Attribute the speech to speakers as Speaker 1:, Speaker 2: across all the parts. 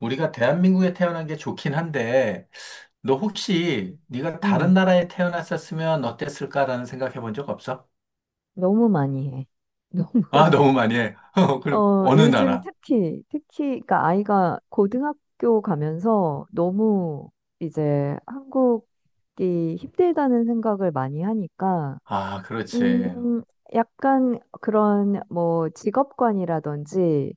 Speaker 1: 우리가 대한민국에 태어난 게 좋긴 한데, 너 혹시
Speaker 2: 응,
Speaker 1: 네가 다른
Speaker 2: 응.
Speaker 1: 나라에 태어났었으면 어땠을까라는 생각해 본 적 없어?
Speaker 2: 너무 많이 해. 너무,
Speaker 1: 아, 너무 많이 해. 그럼 어느
Speaker 2: 요즘
Speaker 1: 나라?
Speaker 2: 특히, 그러니까 아이가 고등학교 가면서 너무 이제 한국이 힘들다는 생각을 많이 하니까,
Speaker 1: 아, 그렇지.
Speaker 2: 음, 약간 그런 뭐 직업관이라든지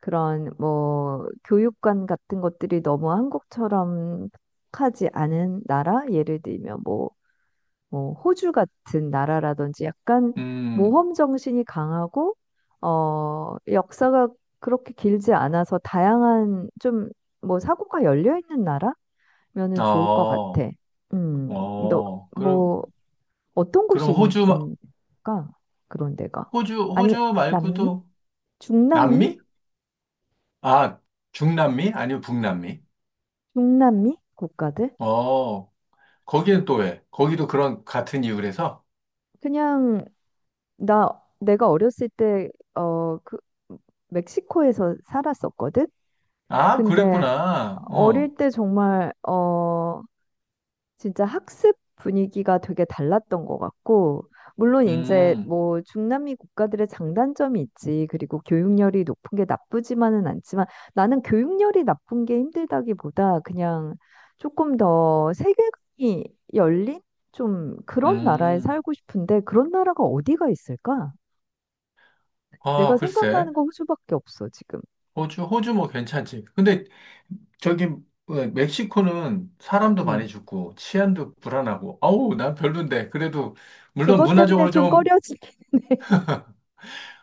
Speaker 2: 그런 뭐 교육관 같은 것들이 너무 한국처럼 하지 않은 나라? 예를 들면 뭐 호주 같은 나라라든지 약간
Speaker 1: 음,
Speaker 2: 모험 정신이 강하고 역사가 그렇게 길지 않아서 다양한 좀 뭐 사고가 열려 있는 나라면은 좋을 것
Speaker 1: 어,
Speaker 2: 같아. 너
Speaker 1: 어, 그럼,
Speaker 2: 뭐 어떤
Speaker 1: 그럼
Speaker 2: 곳이
Speaker 1: 호주,
Speaker 2: 인가 그런 데가
Speaker 1: 호주,
Speaker 2: 아니면
Speaker 1: 호주
Speaker 2: 남미?
Speaker 1: 말고도
Speaker 2: 중남미?
Speaker 1: 남미? 아, 중남미? 아니면 북남미?
Speaker 2: 중남미 국가들?
Speaker 1: 어, 거기는 또 왜? 거기도 그런 같은 이유래서?
Speaker 2: 그냥 나 내가 어렸을 때 그 멕시코에서 살았었거든.
Speaker 1: 아,
Speaker 2: 근데
Speaker 1: 그랬구나. 어,
Speaker 2: 어릴 때 정말 진짜 학습 분위기가 되게 달랐던 것 같고 물론 이제
Speaker 1: 음,
Speaker 2: 뭐 중남미 국가들의 장단점이 있지 그리고 교육열이 높은 게 나쁘지만은 않지만 나는 교육열이 나쁜 게 힘들다기보다 그냥 조금 더 세계관이 열린 좀 그런 나라에
Speaker 1: 음.
Speaker 2: 살고 싶은데 그런 나라가 어디가 있을까?
Speaker 1: 아,
Speaker 2: 내가
Speaker 1: 글쎄.
Speaker 2: 생각나는 건 호주밖에 없어 지금.
Speaker 1: 호주, 호주 뭐 괜찮지. 근데 저기 어, 멕시코는 사람도
Speaker 2: 음.
Speaker 1: 많이 죽고 치안도 불안하고 아우 난 별론데 그래도 물론
Speaker 2: 그것 때문에
Speaker 1: 문화적으로
Speaker 2: 좀 꺼
Speaker 1: 좀
Speaker 2: 려지게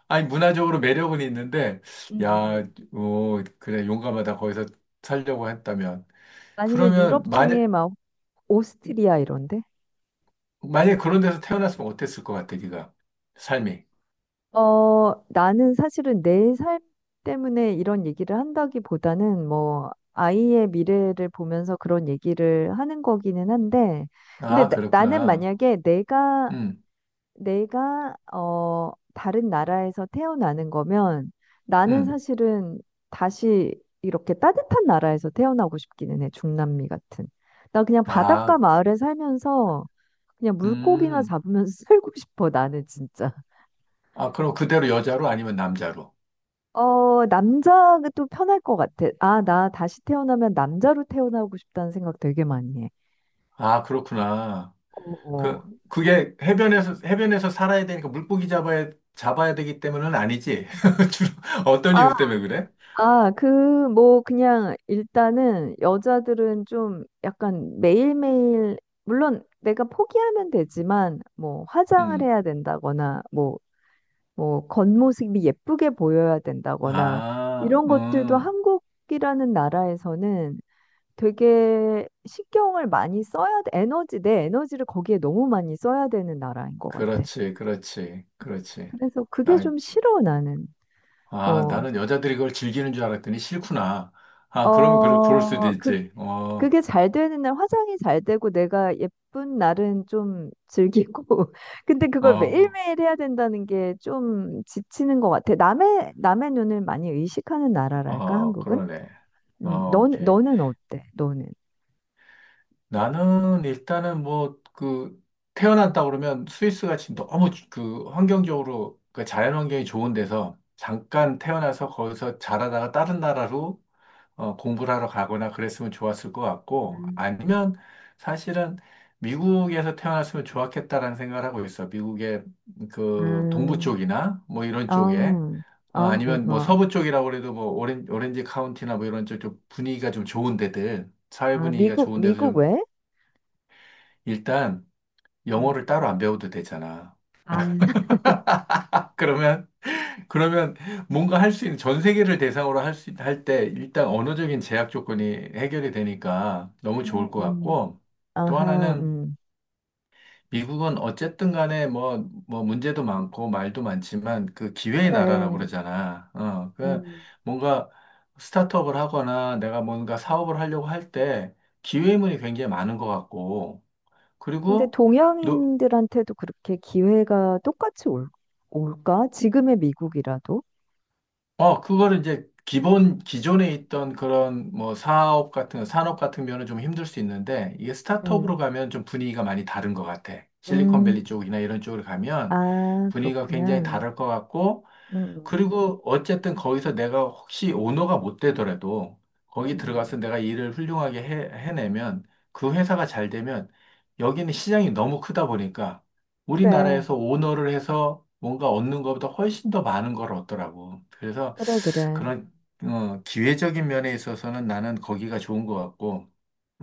Speaker 1: 아니 문화적으로 매력은 있는데
Speaker 2: 음, 음,
Speaker 1: 야
Speaker 2: 음.
Speaker 1: 오, 그래 용감하다 거기서 살려고 했다면
Speaker 2: 아니면
Speaker 1: 그러면
Speaker 2: 유럽
Speaker 1: 만약
Speaker 2: 중에 막 오스트리아 이런데?
Speaker 1: 만약 그런 데서 태어났으면 어땠을 것 같아 네가 삶이
Speaker 2: 나는 사실은 내 삶 때문에 이런 얘기를 한다기보다는 뭐 아이의 미래를 보면서 그런 얘기를 하는 거기는 한데, 근데
Speaker 1: 아
Speaker 2: 나는
Speaker 1: 그렇구나
Speaker 2: 만약에 내가 다른 나라에서 태어나는 거면 나는 사실은 다시 이렇게 따뜻한 나라에서 태어나고 싶기는 해. 중남미 같은. 나 그냥 바닷가
Speaker 1: 음음아음아
Speaker 2: 마을에 살면서 그냥 물고기나 잡으면서 살고 싶어. 나는 진짜.
Speaker 1: 그럼 그대로 여자로 아니면 남자로
Speaker 2: 남자가 또 편할 것 같아. 아, 나 다시 태어나면 남자로 태어나고 싶다는 생각 되게 많이 해.
Speaker 1: 아 그렇구나
Speaker 2: 어, 어.
Speaker 1: 그, 그게 해변에서, 해변에서 살아야 되니까 물고기 잡아야, 잡아야 되기 때문은 아니지. 주로 어떤
Speaker 2: 아,
Speaker 1: 이유 때문에 그래?
Speaker 2: 아, 그, 뭐, 그냥, 일단은, 여자들은 좀 약간 매일매일, 물론 내가 포기하면 되지만, 뭐, 화장을
Speaker 1: 음.
Speaker 2: 해야 된다거나, 뭐, 겉모습이 예쁘게 보여야 된다거나,
Speaker 1: 아,
Speaker 2: 이런 것들도 한국이라는 나라에서는 되게 신경을 많이 써야 돼. 에너지, 내 에너지를 거기에 너무 많이 써야 되는 나라인 것 같아.
Speaker 1: 그렇지, 그렇지, 그렇지.
Speaker 2: 그래서 그게
Speaker 1: 아,
Speaker 2: 좀 싫어, 나는.
Speaker 1: 아,
Speaker 2: 어,
Speaker 1: 나는 여자들이 그걸 즐기는 줄 알았더니 싫구나. 아, 그러면 그럴 수도
Speaker 2: 어,
Speaker 1: 있지. 어,
Speaker 2: 그게 잘 되는 날, 화장이 잘 되고 내가 예쁜 날은 좀 즐기고. 근데 그걸
Speaker 1: 어,
Speaker 2: 매일매일 해야 된다는 게 좀 지치는 것 같아. 남의 눈을 많이 의식하는 나라랄까,
Speaker 1: 어,
Speaker 2: 한국은?
Speaker 1: 그러네. 어, 오케이.
Speaker 2: 너는 어때? 너는?
Speaker 1: 나는 일단은 뭐 그 태어났다 그러면 스위스가 지금 너무 그 환경적으로 그 자연 환경이 좋은 데서 잠깐 태어나서 거기서 자라다가 다른 나라로 어, 공부를 하러 가거나 그랬으면 좋았을 것 같고
Speaker 2: 음.
Speaker 1: 아니면 사실은 미국에서 태어났으면 좋았겠다라는 생각을 하고 있어. 미국의 그 동부
Speaker 2: 아
Speaker 1: 쪽이나 뭐 이런 쪽에
Speaker 2: 어,
Speaker 1: 어,
Speaker 2: 어,
Speaker 1: 아니면 뭐
Speaker 2: 어.
Speaker 1: 서부 쪽이라고 그래도 뭐 오렌지 카운티나 뭐 이런 쪽좀 분위기가 좀 좋은 데들 사회
Speaker 2: 아,
Speaker 1: 분위기가 좋은 데서
Speaker 2: 미국
Speaker 1: 좀
Speaker 2: 왜?
Speaker 1: 일단
Speaker 2: 음,
Speaker 1: 영어를 따로 안 배워도 되잖아.
Speaker 2: 아,
Speaker 1: 그러면 그러면 뭔가 할 수 있는 전 세계를 대상으로 할 수 할 때 일단 언어적인 제약 조건이 해결이 되니까 너무 좋을
Speaker 2: 음,
Speaker 1: 것
Speaker 2: 음.
Speaker 1: 같고 또
Speaker 2: 아하,
Speaker 1: 하나는 미국은 어쨌든 간에 뭐 뭐 문제도 많고 말도 많지만 그 기회의 나라라고
Speaker 2: 그래.
Speaker 1: 그러잖아. 어, 그
Speaker 2: 음.
Speaker 1: 뭔가 스타트업을 하거나 내가 뭔가 사업을 하려고 할 때 기회문이 굉장히 많은 것 같고
Speaker 2: 근데
Speaker 1: 그리고 노-
Speaker 2: 동양인들한테도 그렇게 기회가 똑같이 올까? 지금의 미국이라도?
Speaker 1: 어, 그거를 이제 기존에 있던 그런 뭐 사업 같은, 산업 같은 면은 좀 힘들 수 있는데, 이게
Speaker 2: 음,
Speaker 1: 스타트업으로 가면 좀 분위기가 많이 다른 것 같아. 실리콘밸리
Speaker 2: 음.
Speaker 1: 쪽이나 이런 쪽으로 가면
Speaker 2: 아,
Speaker 1: 분위기가
Speaker 2: 그렇구나.
Speaker 1: 굉장히 다를 것 같고,
Speaker 2: 음,
Speaker 1: 그리고 어쨌든 거기서 내가 혹시 오너가 못 되더라도, 거기
Speaker 2: 음.
Speaker 1: 들어가서 내가 일을 훌륭하게 해내면, 그 회사가 잘 되면, 여기는 시장이 너무 크다 보니까,
Speaker 2: 그래,
Speaker 1: 우리나라에서 오너를 해서 뭔가 얻는 것보다 훨씬 더 많은 걸 얻더라고. 그래서
Speaker 2: 그래, 그래.
Speaker 1: 그런 어, 기회적인 면에 있어서는 나는 거기가 좋은 것 같고,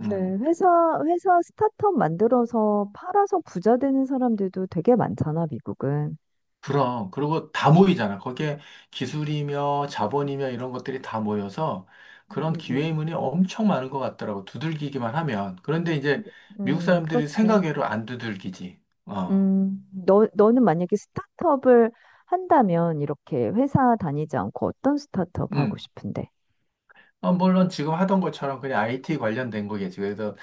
Speaker 1: 음,
Speaker 2: 회사 스타트업 만들어서 팔아서 부자 되는 사람들도 되게 많잖아, 미국은.
Speaker 1: 그럼 그리고 다 모이잖아. 거기에 기술이며 자본이며 이런 것들이 다 모여서
Speaker 2: 음,
Speaker 1: 그런
Speaker 2: 음, 음.
Speaker 1: 기회의문이 엄청 많은 것 같더라고. 두들기기만 하면. 그런데 이제
Speaker 2: 그래.
Speaker 1: 미국 사람들이
Speaker 2: 그렇지.
Speaker 1: 생각외로 안 두들기지. 어,
Speaker 2: 너는 만약에 스타트업을 한다면 이렇게 회사 다니지 않고 어떤 스타트업 하고
Speaker 1: 음.
Speaker 2: 싶은데?
Speaker 1: 어, 물론 지금 하던 것처럼 그냥 IT 관련된 거겠지. 그래서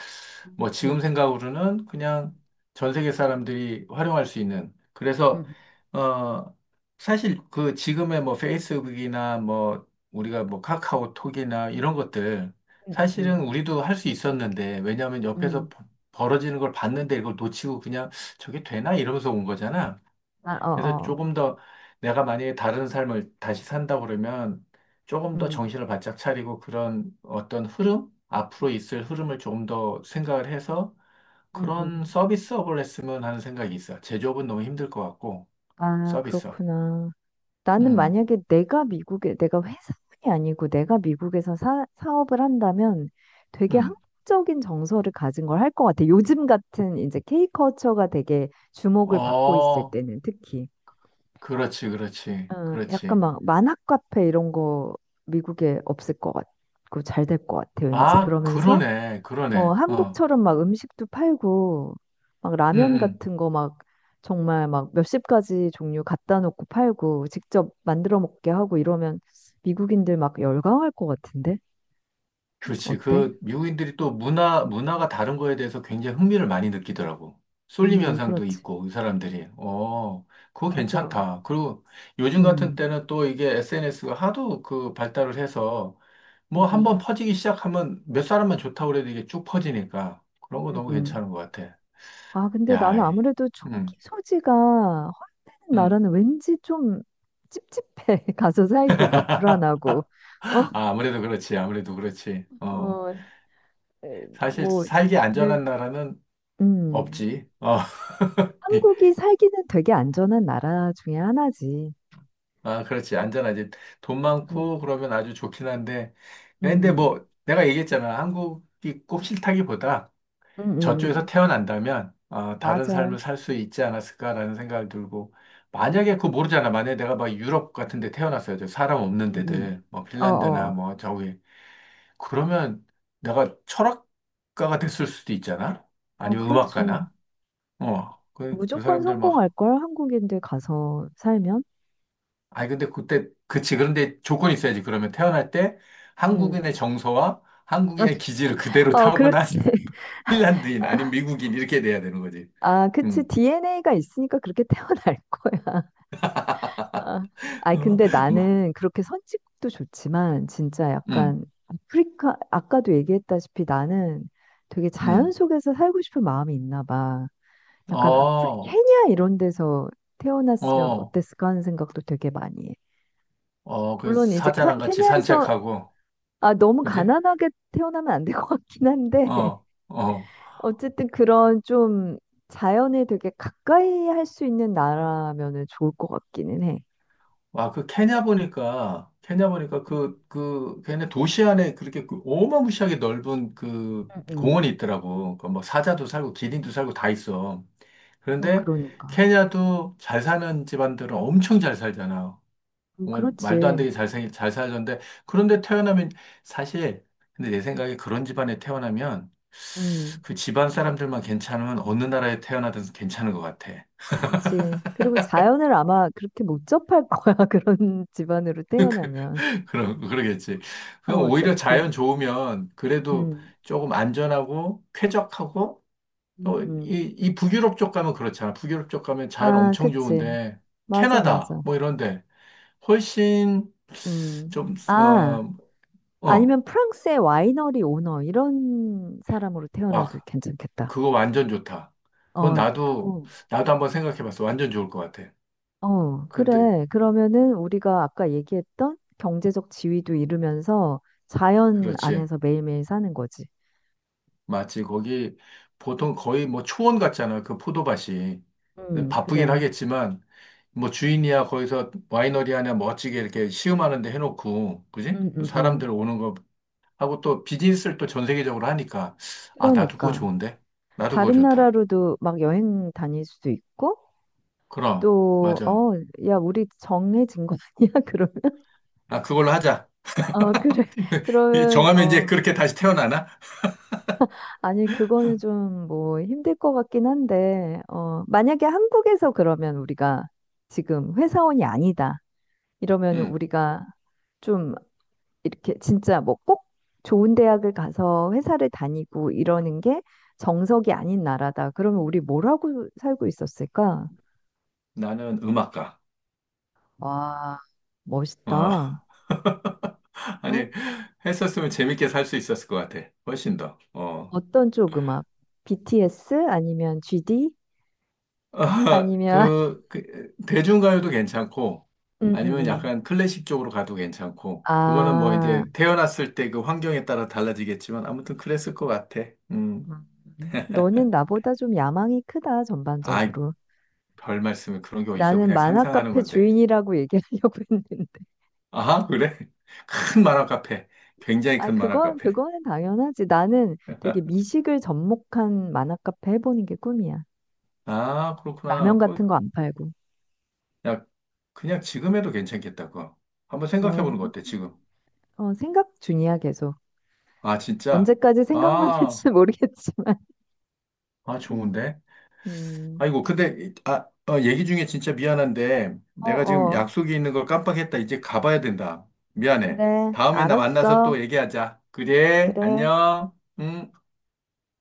Speaker 1: 뭐 지금
Speaker 2: 음,
Speaker 1: 생각으로는 그냥 전 세계 사람들이 활용할 수 있는. 그래서,
Speaker 2: 음,
Speaker 1: 어, 사실 그 지금의 뭐 페이스북이나 뭐 우리가 뭐 카카오톡이나 이런 것들
Speaker 2: 음,
Speaker 1: 사실은
Speaker 2: 음,
Speaker 1: 우리도 할 수 있었는데 왜냐하면 옆에서
Speaker 2: 음.
Speaker 1: 벌어지는 걸 봤는데 이걸 놓치고 그냥 저게 되나? 이러면서 온 거잖아.
Speaker 2: 아,
Speaker 1: 그래서
Speaker 2: 어, 어,
Speaker 1: 조금 더 내가 만약에 다른 삶을 다시 산다 그러면 조금 더
Speaker 2: 음,
Speaker 1: 정신을 바짝 차리고 그런 어떤 흐름, 앞으로 있을 흐름을 조금 더 생각을 해서
Speaker 2: 음, 음.
Speaker 1: 그런 서비스업을 했으면 하는 생각이 있어. 제조업은 너무 힘들 것 같고,
Speaker 2: 아,
Speaker 1: 서비스업.
Speaker 2: 그렇구나. 나는
Speaker 1: 음,
Speaker 2: 만약에 내가 미국에, 내가 회사원이 아니고 내가 미국에서 사업을 한다면 되게
Speaker 1: 음.
Speaker 2: 한국적인 정서를 가진 걸 할 것 같아. 요즘 같은 이제 K컬처가 되게 주목을 받고 있을
Speaker 1: 어,
Speaker 2: 때는 특히.
Speaker 1: 그렇지, 그렇지,
Speaker 2: 어, 약간
Speaker 1: 그렇지.
Speaker 2: 막 만화 카페 이런 거 미국에 없을 것 같고 잘 될 것 같아 왠지
Speaker 1: 아,
Speaker 2: 그러면서
Speaker 1: 그러네, 그러네. 어,
Speaker 2: 한국처럼 막 음식도 팔고 막
Speaker 1: 음,
Speaker 2: 라면
Speaker 1: 음.
Speaker 2: 같은 거 막 정말 막 몇십 가지 종류 갖다 놓고 팔고 직접 만들어 먹게 하고 이러면 미국인들 막 열광할 것 같은데
Speaker 1: 그렇지.
Speaker 2: 어때?
Speaker 1: 그 미국인들이 또 문화, 문화가 다른 거에 대해서 굉장히 흥미를 많이 느끼더라고. 쏠림 현상도
Speaker 2: 그렇지
Speaker 1: 있고, 이 사람들이. 어, 그거
Speaker 2: 맞아
Speaker 1: 괜찮다. 그리고 요즘 같은 때는 또 이게 SNS가 하도 그 발달을 해서 뭐 한 번
Speaker 2: 음음음음
Speaker 1: 퍼지기 시작하면 몇 사람만 좋다고 그래도 이게 쭉 퍼지니까 그런 거 너무 괜찮은 것 같아.
Speaker 2: 아, 근데
Speaker 1: 야,
Speaker 2: 나는 아무래도
Speaker 1: 음,
Speaker 2: 총기 소지가 허용되는
Speaker 1: 음.
Speaker 2: 나라는 왠지 좀 찝찝해. 가서 살기가 불안하고. 어,
Speaker 1: 아, 아무래도 그렇지. 아무래도 그렇지. 어,
Speaker 2: 어, 에,
Speaker 1: 사실
Speaker 2: 뭐,
Speaker 1: 살기
Speaker 2: 늘,
Speaker 1: 안전한 나라는
Speaker 2: 음.
Speaker 1: 없지. 어,
Speaker 2: 한국이 살기는 되게 안전한 나라 중에 하나지.
Speaker 1: 아, 그렇지. 안전하지. 돈
Speaker 2: 음,
Speaker 1: 많고 그러면 아주 좋긴 한데.
Speaker 2: 음,
Speaker 1: 근데
Speaker 2: 음,
Speaker 1: 뭐 내가 얘기했잖아. 한국이 꼭 싫다기보다
Speaker 2: 음, 음.
Speaker 1: 저쪽에서
Speaker 2: 음.
Speaker 1: 태어난다면 어, 다른
Speaker 2: 맞아.
Speaker 1: 삶을 살 수 있지 않았을까라는 생각이 들고 만약에 그거 모르잖아. 만약에 내가 막 유럽 같은 데 태어났어요. 저 사람 없는
Speaker 2: 음, 음.
Speaker 1: 데들. 뭐
Speaker 2: 어,
Speaker 1: 핀란드나
Speaker 2: 어.
Speaker 1: 뭐 저기. 그러면 내가 철학가가 됐을 수도 있잖아.
Speaker 2: 어,
Speaker 1: 아니면
Speaker 2: 그렇지.
Speaker 1: 음악가나. 어. 그, 그
Speaker 2: 무조건
Speaker 1: 사람들 막
Speaker 2: 성공할걸, 한국인들 가서 살면.
Speaker 1: 아니, 근데 그때, 그치. 그런데 조건이 있어야지. 그러면 태어날 때
Speaker 2: 음.
Speaker 1: 한국인의 정서와 한국인의 기질을 그대로
Speaker 2: 어,
Speaker 1: 타고난
Speaker 2: 그렇지.
Speaker 1: 핀란드인, 아니면 미국인, 이렇게 돼야 되는 거지.
Speaker 2: 아, 그치.
Speaker 1: 음,
Speaker 2: DNA가 있으니까 그렇게 태어날 거야. 아, 아니
Speaker 1: 어,
Speaker 2: 근데
Speaker 1: 막,
Speaker 2: 나는 그렇게 선진국도 좋지만 진짜
Speaker 1: 음,
Speaker 2: 약간 아프리카 아까도 얘기했다시피 나는 되게 자연
Speaker 1: 음,
Speaker 2: 속에서 살고 싶은 마음이 있나 봐. 약간 아프리
Speaker 1: 어,
Speaker 2: 케냐 이런 데서 태어났으면
Speaker 1: 어,
Speaker 2: 어땠을까 하는 생각도 되게 많이 해.
Speaker 1: 어, 그
Speaker 2: 물론 이제
Speaker 1: 사자랑 같이
Speaker 2: 케냐에서
Speaker 1: 산책하고,
Speaker 2: 아 너무
Speaker 1: 그지?
Speaker 2: 가난하게 태어나면 안 될 것 같긴 한데
Speaker 1: 어, 어.
Speaker 2: 어쨌든 그런 좀 자연에 되게 가까이 할 수 있는 나라면은 좋을 것 같기는 해.
Speaker 1: 아 그 케냐 보니까, 케냐 보니까 그, 그, 걔네 도시 안에 그렇게 그 어마무시하게 넓은 그
Speaker 2: 음, 음.
Speaker 1: 공원이 있더라고. 그뭐 사자도 살고, 기린도 살고 다 있어.
Speaker 2: 어,
Speaker 1: 그런데
Speaker 2: 그러니까.
Speaker 1: 케냐도 잘 사는 집안들은 엄청 잘 살잖아. 정말 말도 안
Speaker 2: 그렇지.
Speaker 1: 되게 잘 살던데 그런데 태어나면 사실 근데 내 생각에 그런 집안에 태어나면
Speaker 2: 음,
Speaker 1: 그 집안 사람들만 괜찮으면 어느 나라에 태어나든 괜찮은 것 같아.
Speaker 2: 그치. 그리고 자연을 아마 그렇게 못 접할 거야. 그런 집안으로 태어나면.
Speaker 1: 그러겠지.
Speaker 2: 어,
Speaker 1: 그럼 오히려
Speaker 2: 어차피.
Speaker 1: 자연 좋으면 그래도
Speaker 2: 음,
Speaker 1: 조금 안전하고 쾌적하고
Speaker 2: 음,
Speaker 1: 또
Speaker 2: 음.
Speaker 1: 이 북유럽 쪽 가면 그렇잖아. 북유럽 쪽 가면 자연
Speaker 2: 아,
Speaker 1: 엄청
Speaker 2: 그치.
Speaker 1: 좋은데
Speaker 2: 맞아,
Speaker 1: 캐나다
Speaker 2: 맞아.
Speaker 1: 뭐 이런데 훨씬
Speaker 2: 음.
Speaker 1: 좀,
Speaker 2: 아,
Speaker 1: 어, 어,
Speaker 2: 아니면 프랑스의 와이너리 오너, 이런 사람으로
Speaker 1: 와,
Speaker 2: 태어나도 괜찮겠다.
Speaker 1: 그거 완전 좋다. 그건
Speaker 2: 어,
Speaker 1: 나도,
Speaker 2: 어,
Speaker 1: 나도 한번 생각해 봤어. 완전 좋을 것 같아.
Speaker 2: 어,
Speaker 1: 근데,
Speaker 2: 그래. 그러면은 우리가 아까 얘기했던 경제적 지위도 이루면서 자연
Speaker 1: 그렇지.
Speaker 2: 안에서 매일매일 사는 거지.
Speaker 1: 맞지. 거기 보통 거의 뭐 초원 같잖아. 그 포도밭이. 근데 바쁘긴
Speaker 2: 그래.
Speaker 1: 하겠지만, 뭐 주인이야 거기서 와이너리 하나 멋지게 이렇게 시음하는 데 해놓고, 그지?
Speaker 2: 음, 음,
Speaker 1: 사람들
Speaker 2: 음.
Speaker 1: 오는 거 하고 또 비즈니스를 또 전 세계적으로 하니까, 아, 나도 그거
Speaker 2: 그러니까.
Speaker 1: 좋은데? 나도 그거
Speaker 2: 다른
Speaker 1: 좋다.
Speaker 2: 나라로도 막 여행 다닐 수도 있고
Speaker 1: 그럼,
Speaker 2: 또,
Speaker 1: 맞아.
Speaker 2: 야, 우리 정해진 거 아니야? 그러면?
Speaker 1: 아, 그걸로 하자.
Speaker 2: 어, 그래.
Speaker 1: 이
Speaker 2: 그러면,
Speaker 1: 정하면 이제 그렇게 다시 태어나나?
Speaker 2: 아니, 그거는 좀 뭐 힘들 것 같긴 한데, 만약에 한국에서 그러면 우리가 지금 회사원이 아니다. 이러면
Speaker 1: 음,
Speaker 2: 우리가 좀 이렇게 진짜 뭐 꼭 좋은 대학을 가서 회사를 다니고 이러는 게 정석이 아닌 나라다. 그러면 우리 뭐라고 살고 있었을까?
Speaker 1: 나는 음악가.
Speaker 2: 와,
Speaker 1: 어.
Speaker 2: 멋있다.
Speaker 1: 아니,
Speaker 2: 어?
Speaker 1: 했었으면 재밌게 살 수 있었을 것 같아. 훨씬 더. 어.
Speaker 2: 어떤 쪽 음악? BTS 아니면 GD
Speaker 1: 아,
Speaker 2: 아니면
Speaker 1: 그, 그, 대중가요도 괜찮고, 아니면
Speaker 2: 응응응.
Speaker 1: 약간 클래식 쪽으로 가도 괜찮고, 그거는 뭐
Speaker 2: 아,
Speaker 1: 이제 태어났을 때 그 환경에 따라 달라지겠지만, 아무튼 그랬을 것 같아. 음.
Speaker 2: 너는 나보다 좀 야망이 크다
Speaker 1: 아이,
Speaker 2: 전반적으로.
Speaker 1: 별 말씀을 그런 게 어딨어.
Speaker 2: 나는
Speaker 1: 그냥
Speaker 2: 만화
Speaker 1: 상상하는
Speaker 2: 카페
Speaker 1: 건데.
Speaker 2: 주인이라고 얘기하려고 했는데.
Speaker 1: 아하, 그래? 큰 만화 카페. 굉장히
Speaker 2: 아,
Speaker 1: 큰 만화
Speaker 2: 그건
Speaker 1: 카페.
Speaker 2: 그거는 당연하지. 나는 되게 미식을 접목한 만화 카페 해보는 게 꿈이야.
Speaker 1: 아, 그렇구나.
Speaker 2: 라면 같은
Speaker 1: 그,
Speaker 2: 거 안 팔고.
Speaker 1: 야, 그냥 지금 해도 괜찮겠다, 그거. 한번 생각해
Speaker 2: 어,
Speaker 1: 보는 거 어때, 지금?
Speaker 2: 어, 생각 중이야 계속.
Speaker 1: 아, 진짜?
Speaker 2: 언제까지 생각만
Speaker 1: 아,
Speaker 2: 할지 모르겠지만.
Speaker 1: 아, 좋은데?
Speaker 2: 음.
Speaker 1: 아이고, 근데, 아, 어, 얘기 중에 진짜 미안한데,
Speaker 2: 어,
Speaker 1: 내가 지금
Speaker 2: 어.
Speaker 1: 약속이 있는 걸 깜빡했다. 이제 가봐야 된다. 미안해.
Speaker 2: 그래,
Speaker 1: 다음에 나 만나서
Speaker 2: 알았어.
Speaker 1: 또 얘기하자. 그래,
Speaker 2: 그래.
Speaker 1: 안녕. 응.